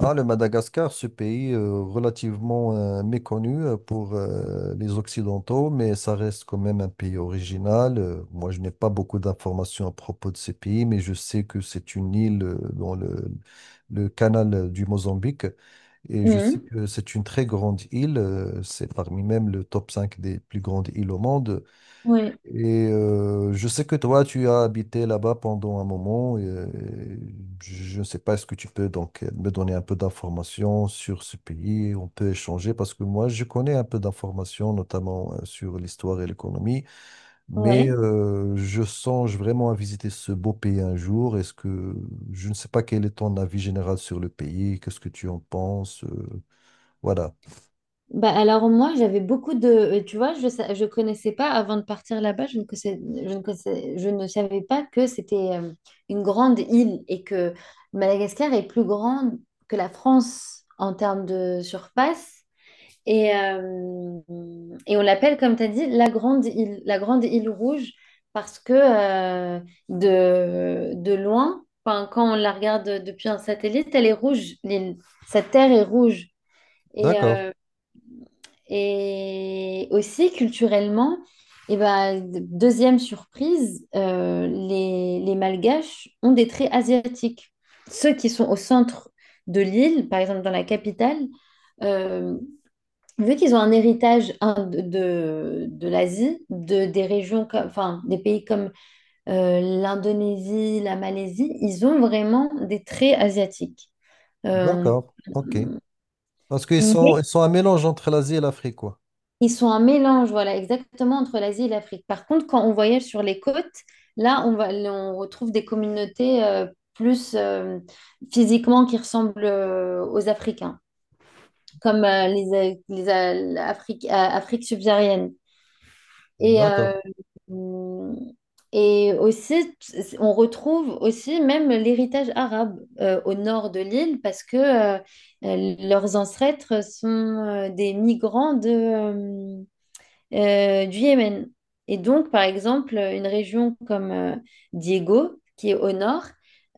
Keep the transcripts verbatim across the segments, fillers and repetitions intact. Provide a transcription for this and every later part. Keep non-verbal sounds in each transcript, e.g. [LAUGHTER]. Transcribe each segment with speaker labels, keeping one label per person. Speaker 1: Ah, le Madagascar, ce pays euh, relativement euh, méconnu euh, pour euh, les Occidentaux, mais ça reste quand même un pays original. Euh, moi, je n'ai pas beaucoup d'informations à propos de ce pays, mais je sais que c'est une île euh, dans le, le canal euh, du Mozambique. Et je sais
Speaker 2: Mhm.
Speaker 1: que c'est une très grande île, euh, c'est parmi même le top cinq des plus grandes îles au monde.
Speaker 2: Ouais,
Speaker 1: Et euh, je sais que toi, tu as habité là-bas pendant un moment. Et, euh, je ne sais pas, est-ce que tu peux donc me donner un peu d'informations sur ce pays? On peut échanger parce que moi, je connais un peu d'informations, notamment euh, sur l'histoire et l'économie. Mais
Speaker 2: ouais.
Speaker 1: euh, je songe vraiment à visiter ce beau pays un jour. Est-ce que je ne sais pas quel est ton avis général sur le pays? Qu'est-ce que tu en penses? Euh, voilà.
Speaker 2: Bah alors moi j'avais beaucoup de euh, tu vois je sa- je connaissais pas avant de partir là-bas je ne connaissais, je ne connaissais- je ne savais pas que c'était euh, une grande île et que Madagascar est plus grande que la France en termes de surface et euh, et on l'appelle comme tu as dit la grande île, la grande île rouge parce que euh, de de loin enfin, quand on la regarde depuis un satellite elle est rouge l'île, sa terre est rouge. Et,
Speaker 1: D'accord,
Speaker 2: euh, et aussi, culturellement, et ben, deuxième surprise, euh, les, les Malgaches ont des traits asiatiques. Ceux qui sont au centre de l'île, par exemple dans la capitale, euh, vu qu'ils ont un héritage hein, de, de, de l'Asie, de, des régions, comme- enfin des pays comme euh, l'Indonésie, la Malaisie, ils ont vraiment des traits asiatiques. Euh,
Speaker 1: d'accord, ok. Parce qu'ils sont,
Speaker 2: mais
Speaker 1: ils sont un mélange entre l'Asie et l'Afrique, quoi.
Speaker 2: ils sont un mélange, voilà, exactement entre l'Asie et l'Afrique. Par contre, quand on voyage sur les côtes, là, on va, on retrouve des communautés euh, plus euh, physiquement, qui ressemblent euh, aux Africains, comme euh, les, euh, les euh, Afrique, euh, Afrique subsaharienne. Et, euh,
Speaker 1: D'accord.
Speaker 2: et aussi, on retrouve aussi même l'héritage arabe euh, au nord de l'île parce que euh, leurs ancêtres sont euh, des migrants de, euh, euh, du Yémen. Et donc, par exemple, une région comme euh, Diego, qui est au nord,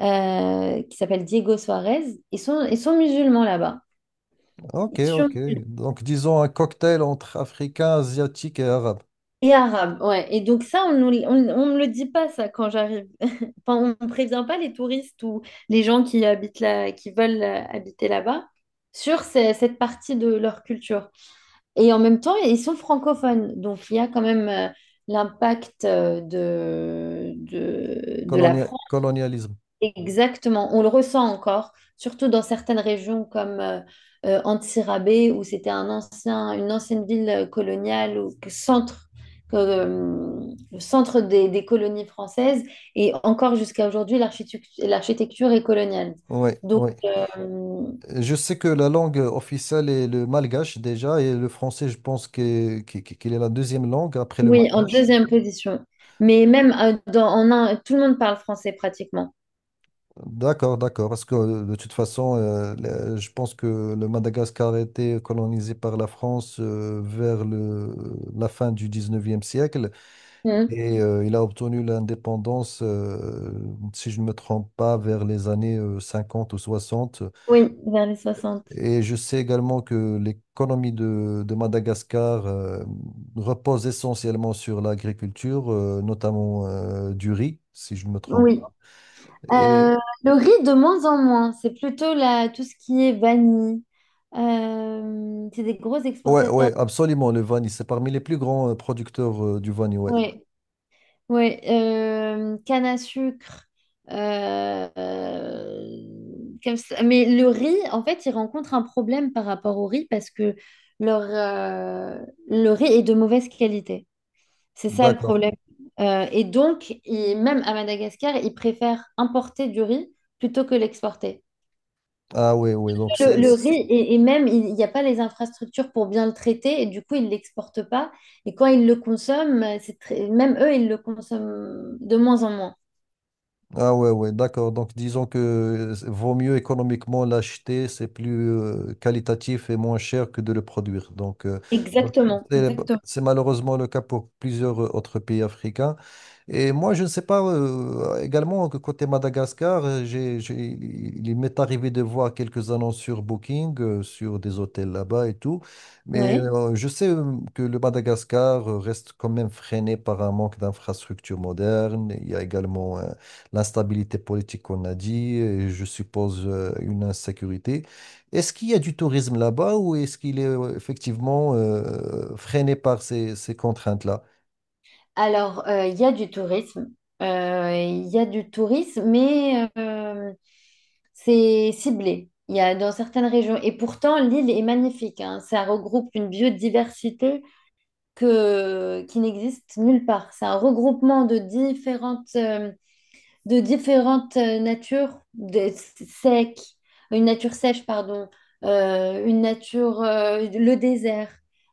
Speaker 2: euh, qui s'appelle Diego Suarez, ils sont, ils sont musulmans là-bas.
Speaker 1: Ok,
Speaker 2: Ils sont
Speaker 1: ok.
Speaker 2: musulmans
Speaker 1: Donc, disons un cocktail entre africain, asiatique et arabe.
Speaker 2: et arabes, ouais. Et donc ça, on ne on, on me le dit pas, ça, quand j'arrive. [LAUGHS] Enfin, on ne prévient pas les touristes ou les gens qui habitent là, qui veulent euh, habiter là-bas sur ce- cette partie de leur culture. Et en même temps, ils sont francophones. Donc, il y a quand même euh, l'impact euh, de, de, de la
Speaker 1: Colonia-
Speaker 2: France.
Speaker 1: colonialisme.
Speaker 2: Exactement. On le ressent encore, surtout dans certaines régions comme euh, euh, Antsirabé, où c'était un ancien, une ancienne ville euh, coloniale ou que- centre, que, euh, le centre des, des colonies françaises. Et encore jusqu'à aujourd'hui, l'architecture l'architecture est coloniale.
Speaker 1: Oui,
Speaker 2: Donc,
Speaker 1: oui.
Speaker 2: euh,
Speaker 1: Je sais que la langue officielle est le malgache déjà et le français, je pense que- qu'il qu'il est la deuxième langue après le
Speaker 2: oui, en
Speaker 1: malgache.
Speaker 2: deuxième position. Mais même euh, dans, en un, tout le monde parle français pratiquement.
Speaker 1: D'accord, d'accord. Parce que euh, de toute façon, euh, le- je pense que le Madagascar a été colonisé par la France euh, vers le, la fin du dix-neuvième siècle.
Speaker 2: Mhm.
Speaker 1: Et euh, il a obtenu l'indépendance, euh, si je ne me trompe pas, vers les années euh, cinquante ou soixante.
Speaker 2: Oui, vers les soixante.
Speaker 1: Et je sais également que l'économie de, de Madagascar euh, repose essentiellement sur l'agriculture, euh, notamment euh, du riz, si je ne me trompe
Speaker 2: Oui.
Speaker 1: pas. Et
Speaker 2: Euh, le riz de moins en moins, c'est plutôt la, tout ce qui est vanille. Euh, c'est des gros
Speaker 1: ouais,
Speaker 2: exportateurs.
Speaker 1: ouais, absolument, le Vanille, c'est parmi les plus grands euh, producteurs euh, du Vanille, ouais.
Speaker 2: Oui, oui. Euh, canne à sucre. euh, euh, Comme ça. Mais le riz, en fait, il rencontre un problème par rapport au riz parce que leur, euh, le riz est de mauvaise qualité. C'est ça le
Speaker 1: D'accord.
Speaker 2: problème. Euh, et donc, ils- même à Madagascar, ils préfèrent importer du riz plutôt que l'exporter.
Speaker 1: Ah ouais, ouais, donc c'est
Speaker 2: Le, le riz, et, et même, il il n'y a pas les infrastructures pour bien le traiter, et du coup, ils ne l'exportent pas. Et quand ils le consomment, euh, c'est très- même eux, ils le consomment de moins en moins.
Speaker 1: Ah ouais, ouais, d'accord. Donc disons que c'est- vaut mieux économiquement l'acheter, c'est plus euh, qualitatif et moins cher que de le produire. Donc euh, donc,
Speaker 2: Exactement.
Speaker 1: c'est
Speaker 2: Exactement.
Speaker 1: c'est malheureusement le cas pour plusieurs euh, autres pays africains. Et moi, je ne sais pas, euh, également que côté Madagascar, euh, j'ai, j'ai- il m'est arrivé de voir quelques annonces sur Booking, euh, sur des hôtels là-bas et tout. Mais
Speaker 2: Ouais.
Speaker 1: euh, je sais euh, que le Madagascar euh, reste quand même freiné par un manque d'infrastructures modernes. Il y a également l'instabilité politique qu'on a dit, et je suppose euh, une insécurité. Est-ce qu'il y a du tourisme là-bas ou est-ce qu'il est euh, effectivement euh, freiné par ces, ces contraintes-là?
Speaker 2: Alors, euh, il y a du tourisme. Euh, Il y a du tourisme, mais euh, c'est ciblé. Il y a dans certaines régions. Et pourtant, l'île est magnifique, hein. Ça regroupe une biodiversité que, qui n'existe nulle part. C'est un regroupement de différentes, euh, de différentes euh, natures, de sec, une nature sèche, pardon, euh, une nature, euh, le désert.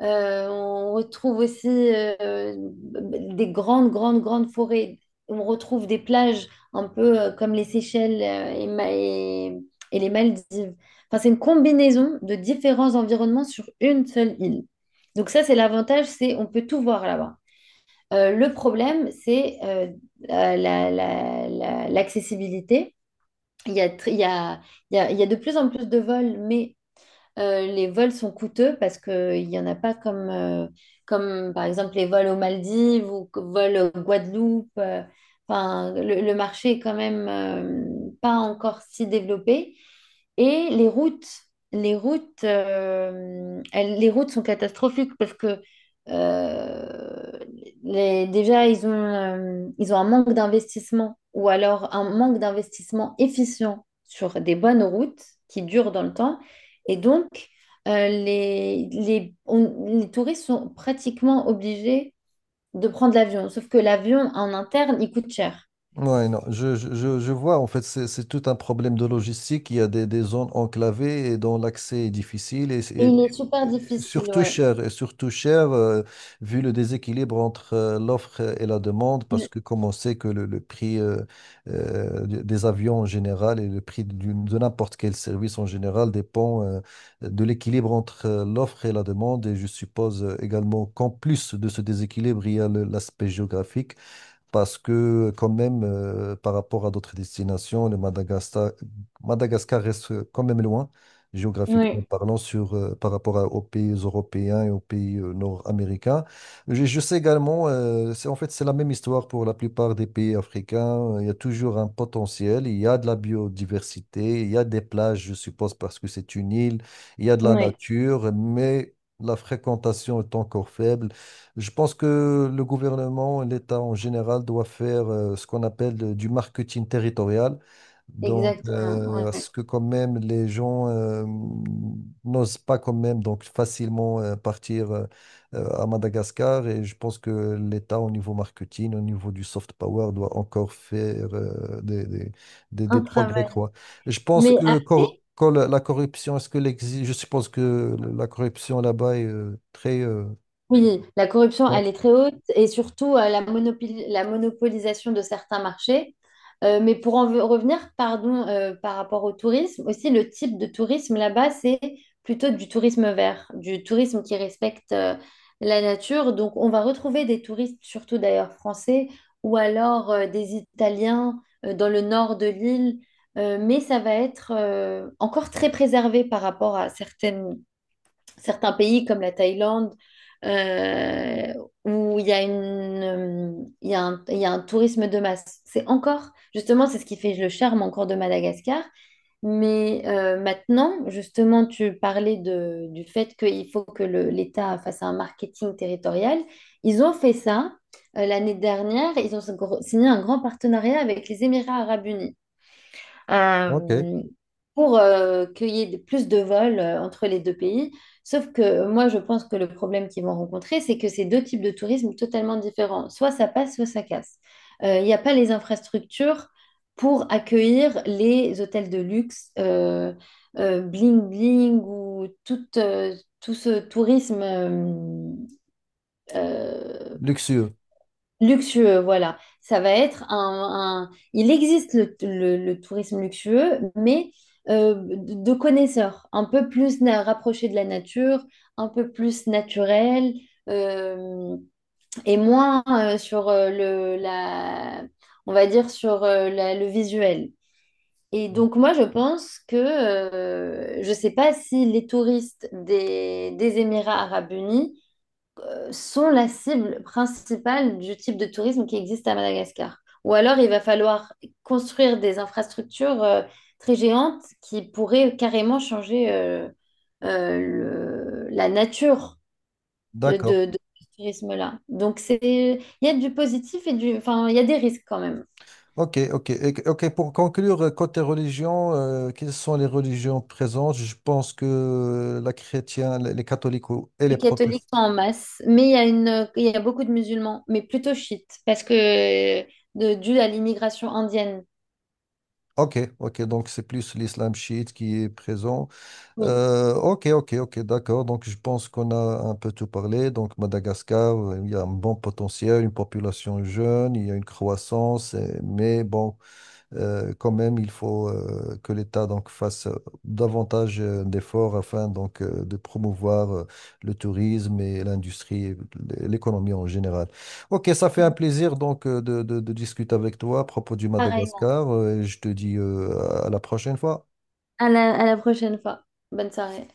Speaker 2: Euh, on retrouve aussi euh, des grandes, grandes, grandes forêts. On retrouve des plages un peu euh, comme les Seychelles euh, et, Ma- et- et les Maldives. Enfin, c'est une combinaison de différents environnements sur une seule île. Donc ça, c'est l'avantage, c'est on peut tout voir là-bas. Euh, le problème, c'est euh, euh, la- la- la- l'accessibilité. Il y a, tr- il y a- il y a- Il y a de plus en plus de vols, mais euh, les vols sont coûteux parce qu'il n'y en a pas comme, euh, comme, par exemple, les vols aux Maldives ou que- vols aux Guadeloupe. euh, Enfin, le, le marché est quand même euh, pas encore si développé. Et les routes, les routes, euh, elles- les routes sont catastrophiques parce que euh, les- déjà ils ont, euh, ils ont un manque d'investissement ou alors un manque d'investissement efficient sur des bonnes routes qui durent dans le temps. Et donc euh, les, les, on- les touristes sont pratiquement obligés de prendre l'avion. Sauf que l'avion en interne, il coûte cher.
Speaker 1: Ouais, non, je, je, je je vois, en fait, c'est c'est tout un problème de logistique. Il y a des, des zones enclavées et dont l'accès est difficile et,
Speaker 2: Et
Speaker 1: et-
Speaker 2: il est super
Speaker 1: et
Speaker 2: difficile,
Speaker 1: surtout
Speaker 2: ouais.
Speaker 1: cher, et surtout cher euh, vu le déséquilibre entre euh, l'offre et la demande, parce
Speaker 2: Il-
Speaker 1: que comme on sait que le, le prix euh, euh, des des avions en général et le prix d'une- de n'importe quel service en général dépend euh, de l'équilibre entre euh, l'offre et la demande. Et je suppose euh, également qu'en plus de ce déséquilibre, il y a le- l'aspect géographique parce que quand même, euh, par rapport à d'autres destinations, le Madagascar, Madagascar reste quand même loin, géographiquement
Speaker 2: Oui,
Speaker 1: parlant, sur, euh, par rapport à- aux pays européens et aux pays euh, nord-américains. Je, je sais également, euh, c'est, en fait, c'est la même histoire pour la plupart des pays africains. Il y a toujours un potentiel, il y a de la biodiversité, il y a des plages, je suppose, parce que c'est une île, il y a de la
Speaker 2: oui,
Speaker 1: nature, mais... La fréquentation est encore faible. Je pense que le gouvernement, l'État en général, doit faire euh, ce qu'on appelle euh, du marketing territorial. Donc,
Speaker 2: exactement,
Speaker 1: euh, à
Speaker 2: ouais.
Speaker 1: ce que quand même les gens euh, n'osent pas quand même donc facilement euh, partir euh, euh, à Madagascar. Et je pense que l'État, au niveau marketing, au niveau du soft power, doit encore faire euh, des, des, des- des
Speaker 2: Un
Speaker 1: progrès,
Speaker 2: travail.
Speaker 1: quoi. Je pense
Speaker 2: Mais
Speaker 1: que
Speaker 2: après,
Speaker 1: cor- quand la la corruption, est-ce que l'exi- je suppose que la corruption là-bas est euh, très... euh,
Speaker 2: oui, la corruption, elle
Speaker 1: grande.
Speaker 2: est très haute et surtout euh, la, monopoli- la monopolisation de certains marchés. Euh, mais pour en ve- revenir, pardon, euh, par rapport au tourisme, aussi le type de tourisme là-bas, c'est plutôt du tourisme vert, du tourisme qui respecte euh, la nature. Donc, on va retrouver des touristes, surtout d'ailleurs français, ou alors euh, des Italiens euh, dans le nord de l'île. Euh, mais ça va être euh, encore très préservé par rapport à certaines certains pays comme la Thaïlande, euh, où il y a une, euh, il y a un, il y a un tourisme de masse. C'est encore, justement, c'est ce qui fait le charme encore de Madagascar. Mais euh, maintenant, justement, tu parlais de- du fait qu'il faut que le- l'État fasse un marketing territorial. Ils ont fait ça euh, l'année dernière. Ils ont signé un grand partenariat avec les Émirats arabes unis
Speaker 1: Ok.
Speaker 2: euh, pour euh, qu'il y ait de- plus de vols euh, entre les deux pays. Sauf que moi, je pense que le problème qu'ils vont rencontrer, c'est que c'est deux types de tourisme totalement différents. Soit ça passe, soit ça casse. Euh, Il n'y a pas les infrastructures pour accueillir les hôtels de luxe, euh, euh, bling bling ou tout, euh, tout ce tourisme euh, euh,
Speaker 1: Luxueux.
Speaker 2: luxueux, voilà. Ça va être un, un- il existe le, le- le tourisme luxueux, mais euh, de connaisseurs, un peu plus na- rapproché de la nature, un peu plus naturel, euh, et moins euh, sur euh, le, la, on va dire sur euh, la- le visuel. Et donc moi, je pense que euh, je ne sais pas si les touristes des, des Émirats arabes unis sont la cible principale du type de tourisme qui existe à Madagascar. Ou alors, il va falloir construire des infrastructures euh, très géantes qui pourraient carrément changer euh, euh, le- la nature de,
Speaker 1: D'accord.
Speaker 2: de- de ce tourisme-là. Donc, c'est, il y a du positif et du, enfin, il y a des risques quand même.
Speaker 1: Ok, ok. Et- Ok, pour conclure, euh, côté religion, euh, quelles sont les religions présentes? Je pense que la chrétienne, les les catholiques ou- et les
Speaker 2: Les catholiques
Speaker 1: protestants.
Speaker 2: sont en masse, mais il y a une, il y a beaucoup de musulmans, mais plutôt chiites, parce que de, dû à l'immigration indienne.
Speaker 1: Ok, ok. Donc, c'est plus l'islam chiite qui est présent.
Speaker 2: Oui,
Speaker 1: Euh, ok, ok, ok. D'accord. Donc, je pense qu'on a un peu tout parlé. Donc, Madagascar, euh, il y a un bon potentiel, une population jeune, il y a une croissance, euh, mais bon. euh, quand même, il faut euh, que l'État donc fasse euh, davantage euh, d'efforts afin donc euh, de promouvoir euh, le tourisme et l'industrie, et l- l'économie en général. Ok, ça fait un plaisir donc euh, de, de- de discuter avec toi à propos du
Speaker 2: pareil.
Speaker 1: Madagascar euh, et je te dis euh, à la prochaine fois.
Speaker 2: À la, à la prochaine fois. Bonne soirée.